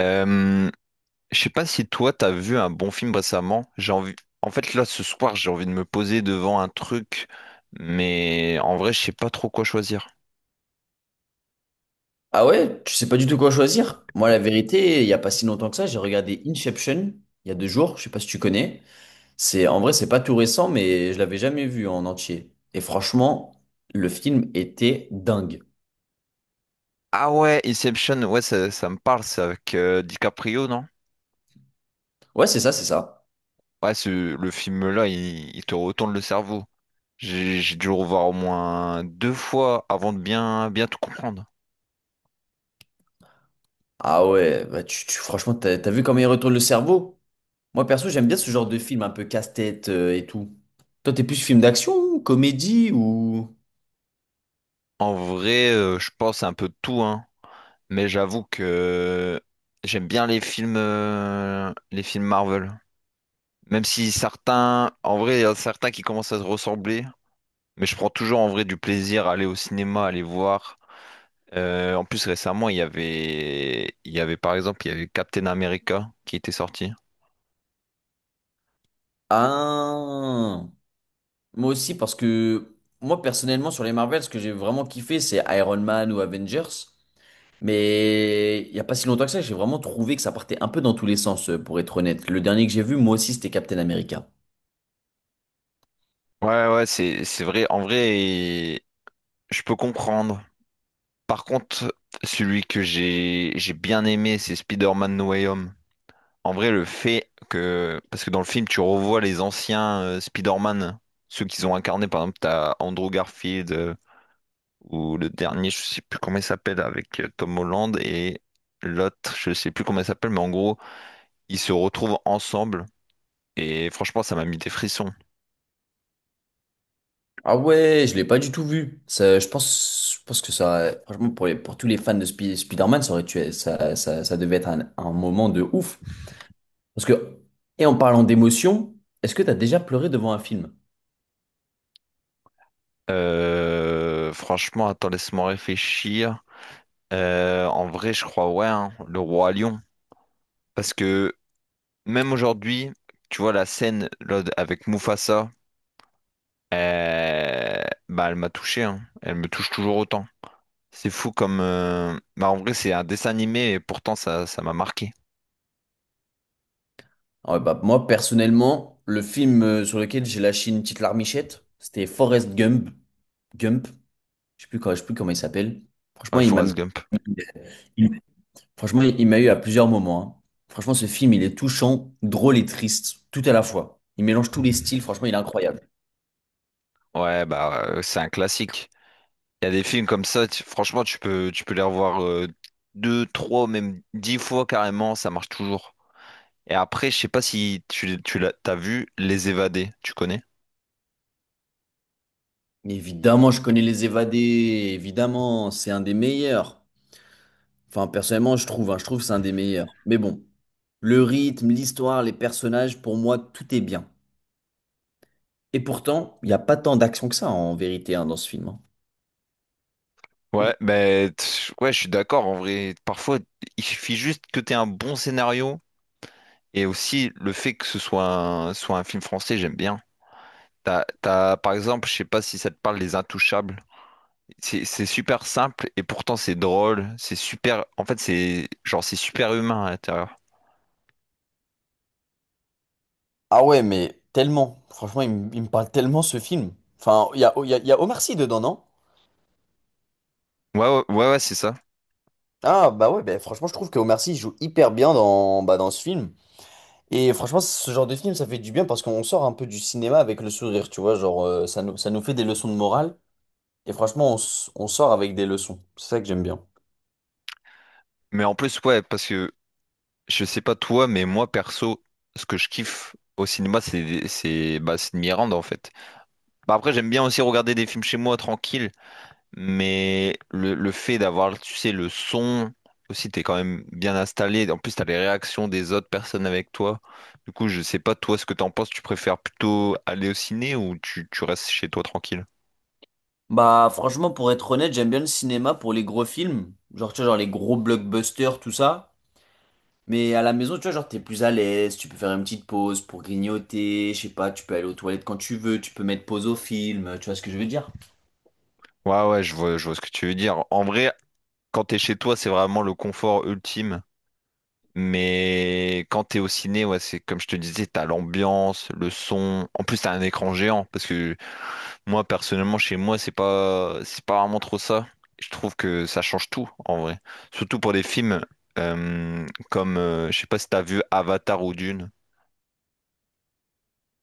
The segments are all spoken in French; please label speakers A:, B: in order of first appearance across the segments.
A: Euh, je sais pas si toi t'as vu un bon film récemment. J'ai envie. En fait, là, ce soir, j'ai envie de me poser devant un truc, mais en vrai, je sais pas trop quoi choisir.
B: Ah ouais, tu sais pas du tout quoi choisir. Moi, la vérité, il y a pas si longtemps que ça, j'ai regardé Inception il y a 2 jours. Je sais pas si tu connais. C'est en vrai, c'est pas tout récent, mais je l'avais jamais vu en entier. Et franchement, le film était dingue.
A: Ah ouais, Inception, ouais, ça me parle, c'est avec DiCaprio, non?
B: Ouais, c'est ça, c'est ça.
A: Ouais, ce, le film-là, il te retourne le cerveau. J'ai dû le revoir au moins deux fois avant de bien, bien tout comprendre.
B: Ah ouais, bah franchement, t'as vu comment il retourne le cerveau? Moi, perso, j'aime bien ce genre de film un peu casse-tête et tout. Toi, t'es plus film d'action, comédie ou...
A: En vrai, je pense un peu de tout, hein. Mais j'avoue que j'aime bien les films Marvel. Même si certains, en vrai, il y a certains qui commencent à se ressembler, mais je prends toujours en vrai du plaisir à aller au cinéma, à aller voir. En plus, récemment, il y avait par exemple, il y avait Captain America qui était sorti.
B: Ah. Moi aussi, parce que moi personnellement, sur les Marvel, ce que j'ai vraiment kiffé, c'est Iron Man ou Avengers. Mais il n'y a pas si longtemps que ça, j'ai vraiment trouvé que ça partait un peu dans tous les sens, pour être honnête. Le dernier que j'ai vu, moi aussi, c'était Captain America.
A: Ouais, ouais, c'est vrai. En vrai, je peux comprendre. Par contre, celui que j'ai bien aimé, c'est Spider-Man No Way Home. En vrai, le fait que... Parce que dans le film, tu revois les anciens Spider-Man, ceux qu'ils ont incarnés. Par exemple, t'as Andrew Garfield, ou le dernier, je sais plus comment il s'appelle, avec Tom Holland, et l'autre, je sais plus comment il s'appelle, mais en gros, ils se retrouvent ensemble. Et franchement, ça m'a mis des frissons.
B: Ah ouais, je l'ai pas du tout vu. Ça, je pense que ça, franchement, pour tous les fans de Spider-Man, ça aurait tué, ça devait être un moment de ouf. Parce que, et en parlant d'émotion, est-ce que tu as déjà pleuré devant un film?
A: Franchement, attends, laisse-moi réfléchir. En vrai, je crois, ouais, hein, le roi lion. Parce que même aujourd'hui, tu vois, la scène là, avec Mufasa, bah, elle m'a touché, hein. Elle me touche toujours autant. C'est fou comme. Bah, en vrai, c'est un dessin animé et pourtant, ça m'a marqué.
B: Ah ouais, bah, moi, personnellement, le film sur lequel j'ai lâché une petite larmichette, c'était Forrest Gump. Gump, je sais plus, je sais plus comment il s'appelle. Franchement,
A: Ouais,
B: il m'a
A: Forrest
B: mis-
A: Gump.
B: il- franchement, il m'a eu à plusieurs moments, hein. Franchement, ce film, il est touchant, drôle et triste, tout à la fois. Il mélange tous les styles, franchement, il est incroyable.
A: Ouais, bah, c'est un classique. Il y a des films comme ça, franchement, tu peux les revoir deux, trois, même dix fois carrément, ça marche toujours. Et après, je sais pas si tu, tu l'as, t'as vu Les Évadés, tu connais?
B: Mais évidemment, je connais Les Évadés, évidemment, c'est un des meilleurs. Enfin, personnellement, je trouve, hein, je trouve que c'est un des meilleurs. Mais bon, le rythme, l'histoire, les personnages, pour moi, tout est bien. Et pourtant, il n'y a pas tant d'action que ça, en vérité, hein, dans ce film, hein.
A: Ouais, ouais, je suis d'accord. En vrai, parfois, il suffit juste que tu aies un bon scénario et aussi le fait que ce soit soit un film français, j'aime bien. T'as, t'as, par exemple, je sais pas si ça te parle, Les Intouchables. C'est super simple et pourtant c'est drôle. C'est super. En fait, c'est genre c'est super humain à l'intérieur.
B: Ah ouais, mais tellement. Franchement, il me parle tellement ce film. Enfin, il y a Omar Sy dedans, non?
A: Ouais, ouais, ouais, ouais, c'est ça.
B: Ah bah ouais, bah franchement, je trouve que Omar Sy joue hyper bien dans ce film. Et franchement, ce genre de film, ça fait du bien parce qu'on sort un peu du cinéma avec le sourire, tu vois. Genre, ça nous fait des leçons de morale. Et franchement, on sort avec des leçons. C'est ça que j'aime bien.
A: Mais en plus, ouais, parce que je sais pas toi, mais moi perso, ce que je kiffe au cinéma, c'est bah, c'est de m'y rendre en fait. Bah, après, j'aime bien aussi regarder des films chez moi tranquille. Mais le fait d'avoir, tu sais, le son, aussi, t'es quand même bien installé. En plus, t'as les réactions des autres personnes avec toi. Du coup, je sais pas, toi, ce que t'en penses. Tu préfères plutôt aller au ciné ou tu restes chez toi tranquille?
B: Bah franchement, pour être honnête, j'aime bien le cinéma pour les gros films, genre tu vois, genre les gros blockbusters, tout ça. Mais à la maison, tu vois, genre t'es plus à l'aise, tu peux faire une petite pause pour grignoter, je sais pas, tu peux aller aux toilettes quand tu veux, tu peux mettre pause au film, tu vois ce que je veux dire?
A: Ouais, ouais, je vois ce que tu veux dire. En vrai, quand t'es chez toi, c'est vraiment le confort ultime. Mais quand t'es au ciné, ouais, c'est comme je te disais, t'as l'ambiance, le son. En plus, t'as un écran géant. Parce que moi, personnellement, chez moi, c'est pas vraiment trop ça. Je trouve que ça change tout, en vrai. Surtout pour des films euh, comme, je sais pas si t'as vu Avatar ou Dune.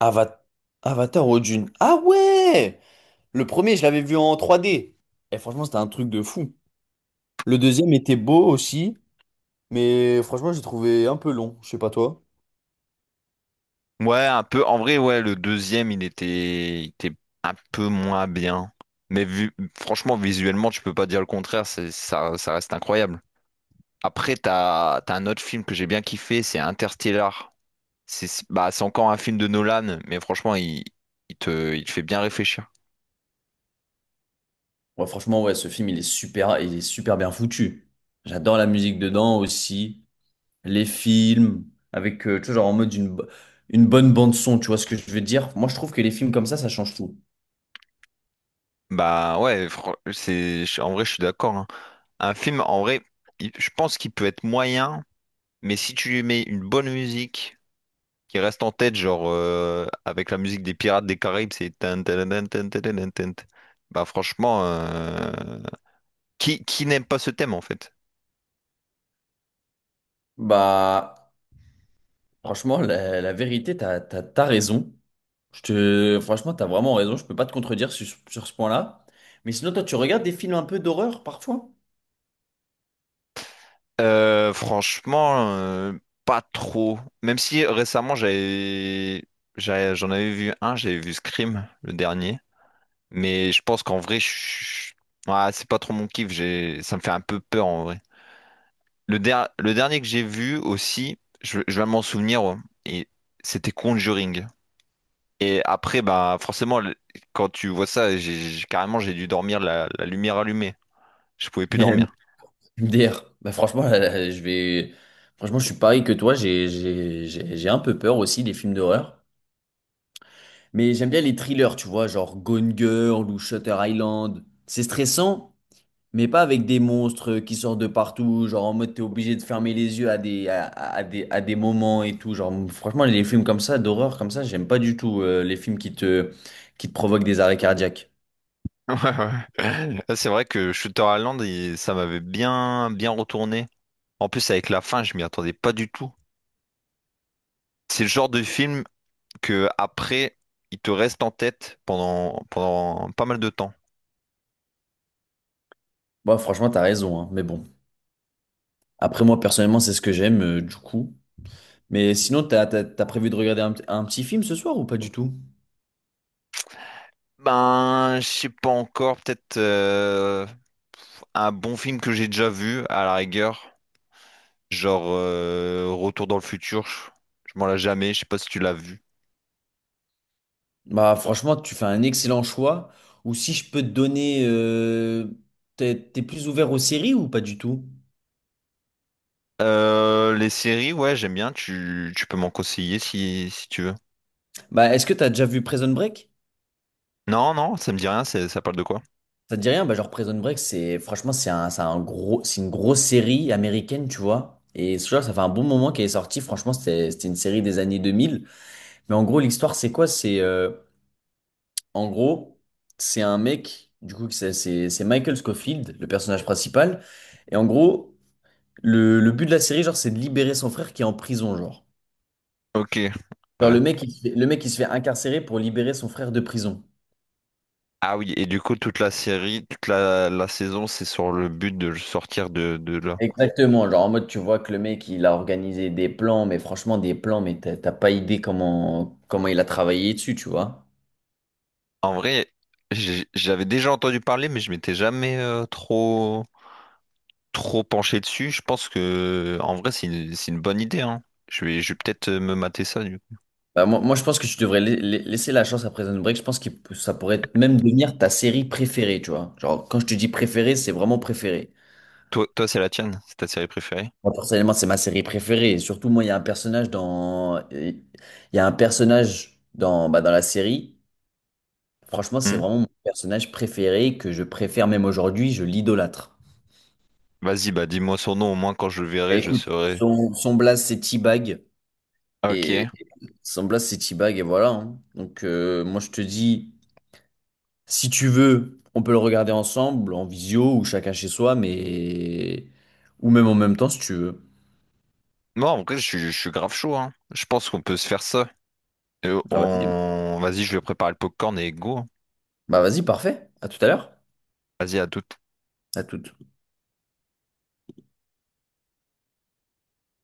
B: Ava- Avatar au Dune. Ah ouais! Le premier, je l'avais vu en 3D. Et franchement, c'était un truc de fou. Le deuxième était beau aussi, mais franchement, j'ai trouvé un peu long. Je sais pas toi.
A: Ouais, un peu. En vrai, ouais, le deuxième, il était un peu moins bien. Mais vu, franchement, visuellement, tu peux pas dire le contraire. Ça, ça reste incroyable. Après, t'as, t'as un autre film que j'ai bien kiffé, c'est Interstellar. Bah, c'est encore un film de Nolan, mais franchement, il, il te fait bien réfléchir.
B: Ouais, franchement, ouais, ce film, il est super bien foutu. J'adore la musique dedans aussi, les films, avec, tu vois, genre en mode une bonne bande son, tu vois ce que je veux dire? Moi, je trouve que les films comme ça change tout.
A: Bah ouais, en vrai, je suis d'accord, hein. Un film, en vrai, je pense qu'il peut être moyen, mais si tu lui mets une bonne musique qui reste en tête, genre avec la musique des Pirates des Caraïbes, c'est... tan, tan, tan, tan, tan, tan, tan, tan. Bah franchement, qui n'aime pas ce thème en fait?
B: Bah, franchement, la vérité, t'as raison. Franchement, t'as vraiment raison, je peux pas te contredire sur ce point-là. Mais sinon, toi, tu regardes des films un peu d'horreur parfois?
A: Franchement, pas trop. Même si récemment j'en avais vu un, j'avais vu Scream, le dernier. Mais je pense qu'en vrai, je- ouais, c'est pas trop mon kiff. J'ai, ça me fait un peu peur en vrai. Le dernier que j'ai vu aussi, je vais m'en souvenir, ouais. Et c'était Conjuring. Et après, bah forcément, quand tu vois ça, carrément j'ai dû dormir la lumière allumée. Je pouvais plus dormir.
B: MDR. Bah, franchement, là, franchement, je suis pareil que toi, j'ai un peu peur aussi des films d'horreur. Mais j'aime bien les thrillers, tu vois, genre Gone Girl ou Shutter Island. C'est stressant, mais pas avec des monstres qui sortent de partout, genre en mode t'es obligé de fermer les yeux à des moments et tout. Genre, franchement, les films comme ça, d'horreur comme ça, j'aime pas du tout les films qui te provoquent des arrêts cardiaques.
A: Ouais, ouais. Ah, c'est vrai que Shutter Island, ça m'avait bien, bien retourné. En plus, avec la fin, je m'y attendais pas du tout. C'est le genre de film que après, il te reste en tête pendant, pendant pas mal de temps.
B: Bon, franchement, t'as raison, hein, mais bon. Après, moi, personnellement, c'est ce que j'aime, du coup. Mais sinon, t'as prévu de regarder un petit film ce soir ou pas du tout?
A: Ben, je sais pas encore, peut-être un bon film que j'ai déjà vu, à la rigueur. Genre Retour dans le futur, je m'en l'ai jamais, je sais pas si tu l'as vu.
B: Bah franchement, tu fais un excellent choix. Ou si je peux te donner, t'es plus ouvert aux séries ou pas du tout?
A: Les séries, ouais, j'aime bien, tu peux m'en conseiller si, si tu veux.
B: Bah est-ce que t'as déjà vu Prison Break?
A: Non, non, ça me dit rien, ça parle de quoi?
B: Ça te dit rien? Bah genre Prison Break, c'est franchement c'est un gros, c'est une grosse série américaine, tu vois. Et ce genre, ça fait un bon moment qu'elle est sortie. Franchement, c'était une série des années 2000. Mais en gros, l'histoire, c'est quoi? C'est en gros, c'est un mec, du coup, que c'est Michael Scofield, le personnage principal. Et en gros, le but de la série, genre, c'est de libérer son frère qui est en prison, genre.
A: Ok,
B: Genre,
A: ouais.
B: le mec, il se fait, le mec, il se fait incarcérer pour libérer son frère de prison.
A: Ah oui, et du coup, toute la série, toute la, la saison, c'est sur le but de le sortir de là.
B: Exactement, genre, en mode, tu vois que le mec, il a organisé des plans, mais franchement, des plans, mais t'as pas idée comment il a travaillé dessus, tu vois.
A: En vrai, j'avais déjà entendu parler, mais je m'étais jamais trop, trop penché dessus. Je pense que, en vrai, c'est une bonne idée, hein. Je vais peut-être me mater ça.
B: Bah, moi, je pense que tu devrais laisser la chance à Prison Break. Je pense que ça pourrait même devenir ta série préférée, tu vois. Genre, quand je te dis préférée, c'est vraiment préférée.
A: Toi, toi, c'est la tienne, c'est ta série préférée?
B: Moi, personnellement, c'est ma série préférée. Et surtout, moi, il y a un personnage dans la série. Franchement, c'est
A: Hmm.
B: vraiment mon personnage préféré que je préfère même aujourd'hui, je l'idolâtre.
A: Vas-y, bah dis-moi son nom, au moins quand je le
B: Bah,
A: verrai, je
B: écoute,
A: saurai.
B: son blaze c'est T-Bag
A: Ok.
B: et son blaze c'est T-Bag et voilà, hein. Donc moi je te dis, si tu veux, on peut le regarder ensemble en visio ou chacun chez soi, mais ou même en même temps si tu veux.
A: Bon, en vrai, je suis grave chaud, hein. Je pense qu'on peut se faire ça. Et
B: Ah, vas-y.
A: on... Vas-y, je vais préparer le popcorn et go, hein.
B: Bah vas-y, parfait. À tout à l'heure.
A: Vas-y, à tout.
B: À tout.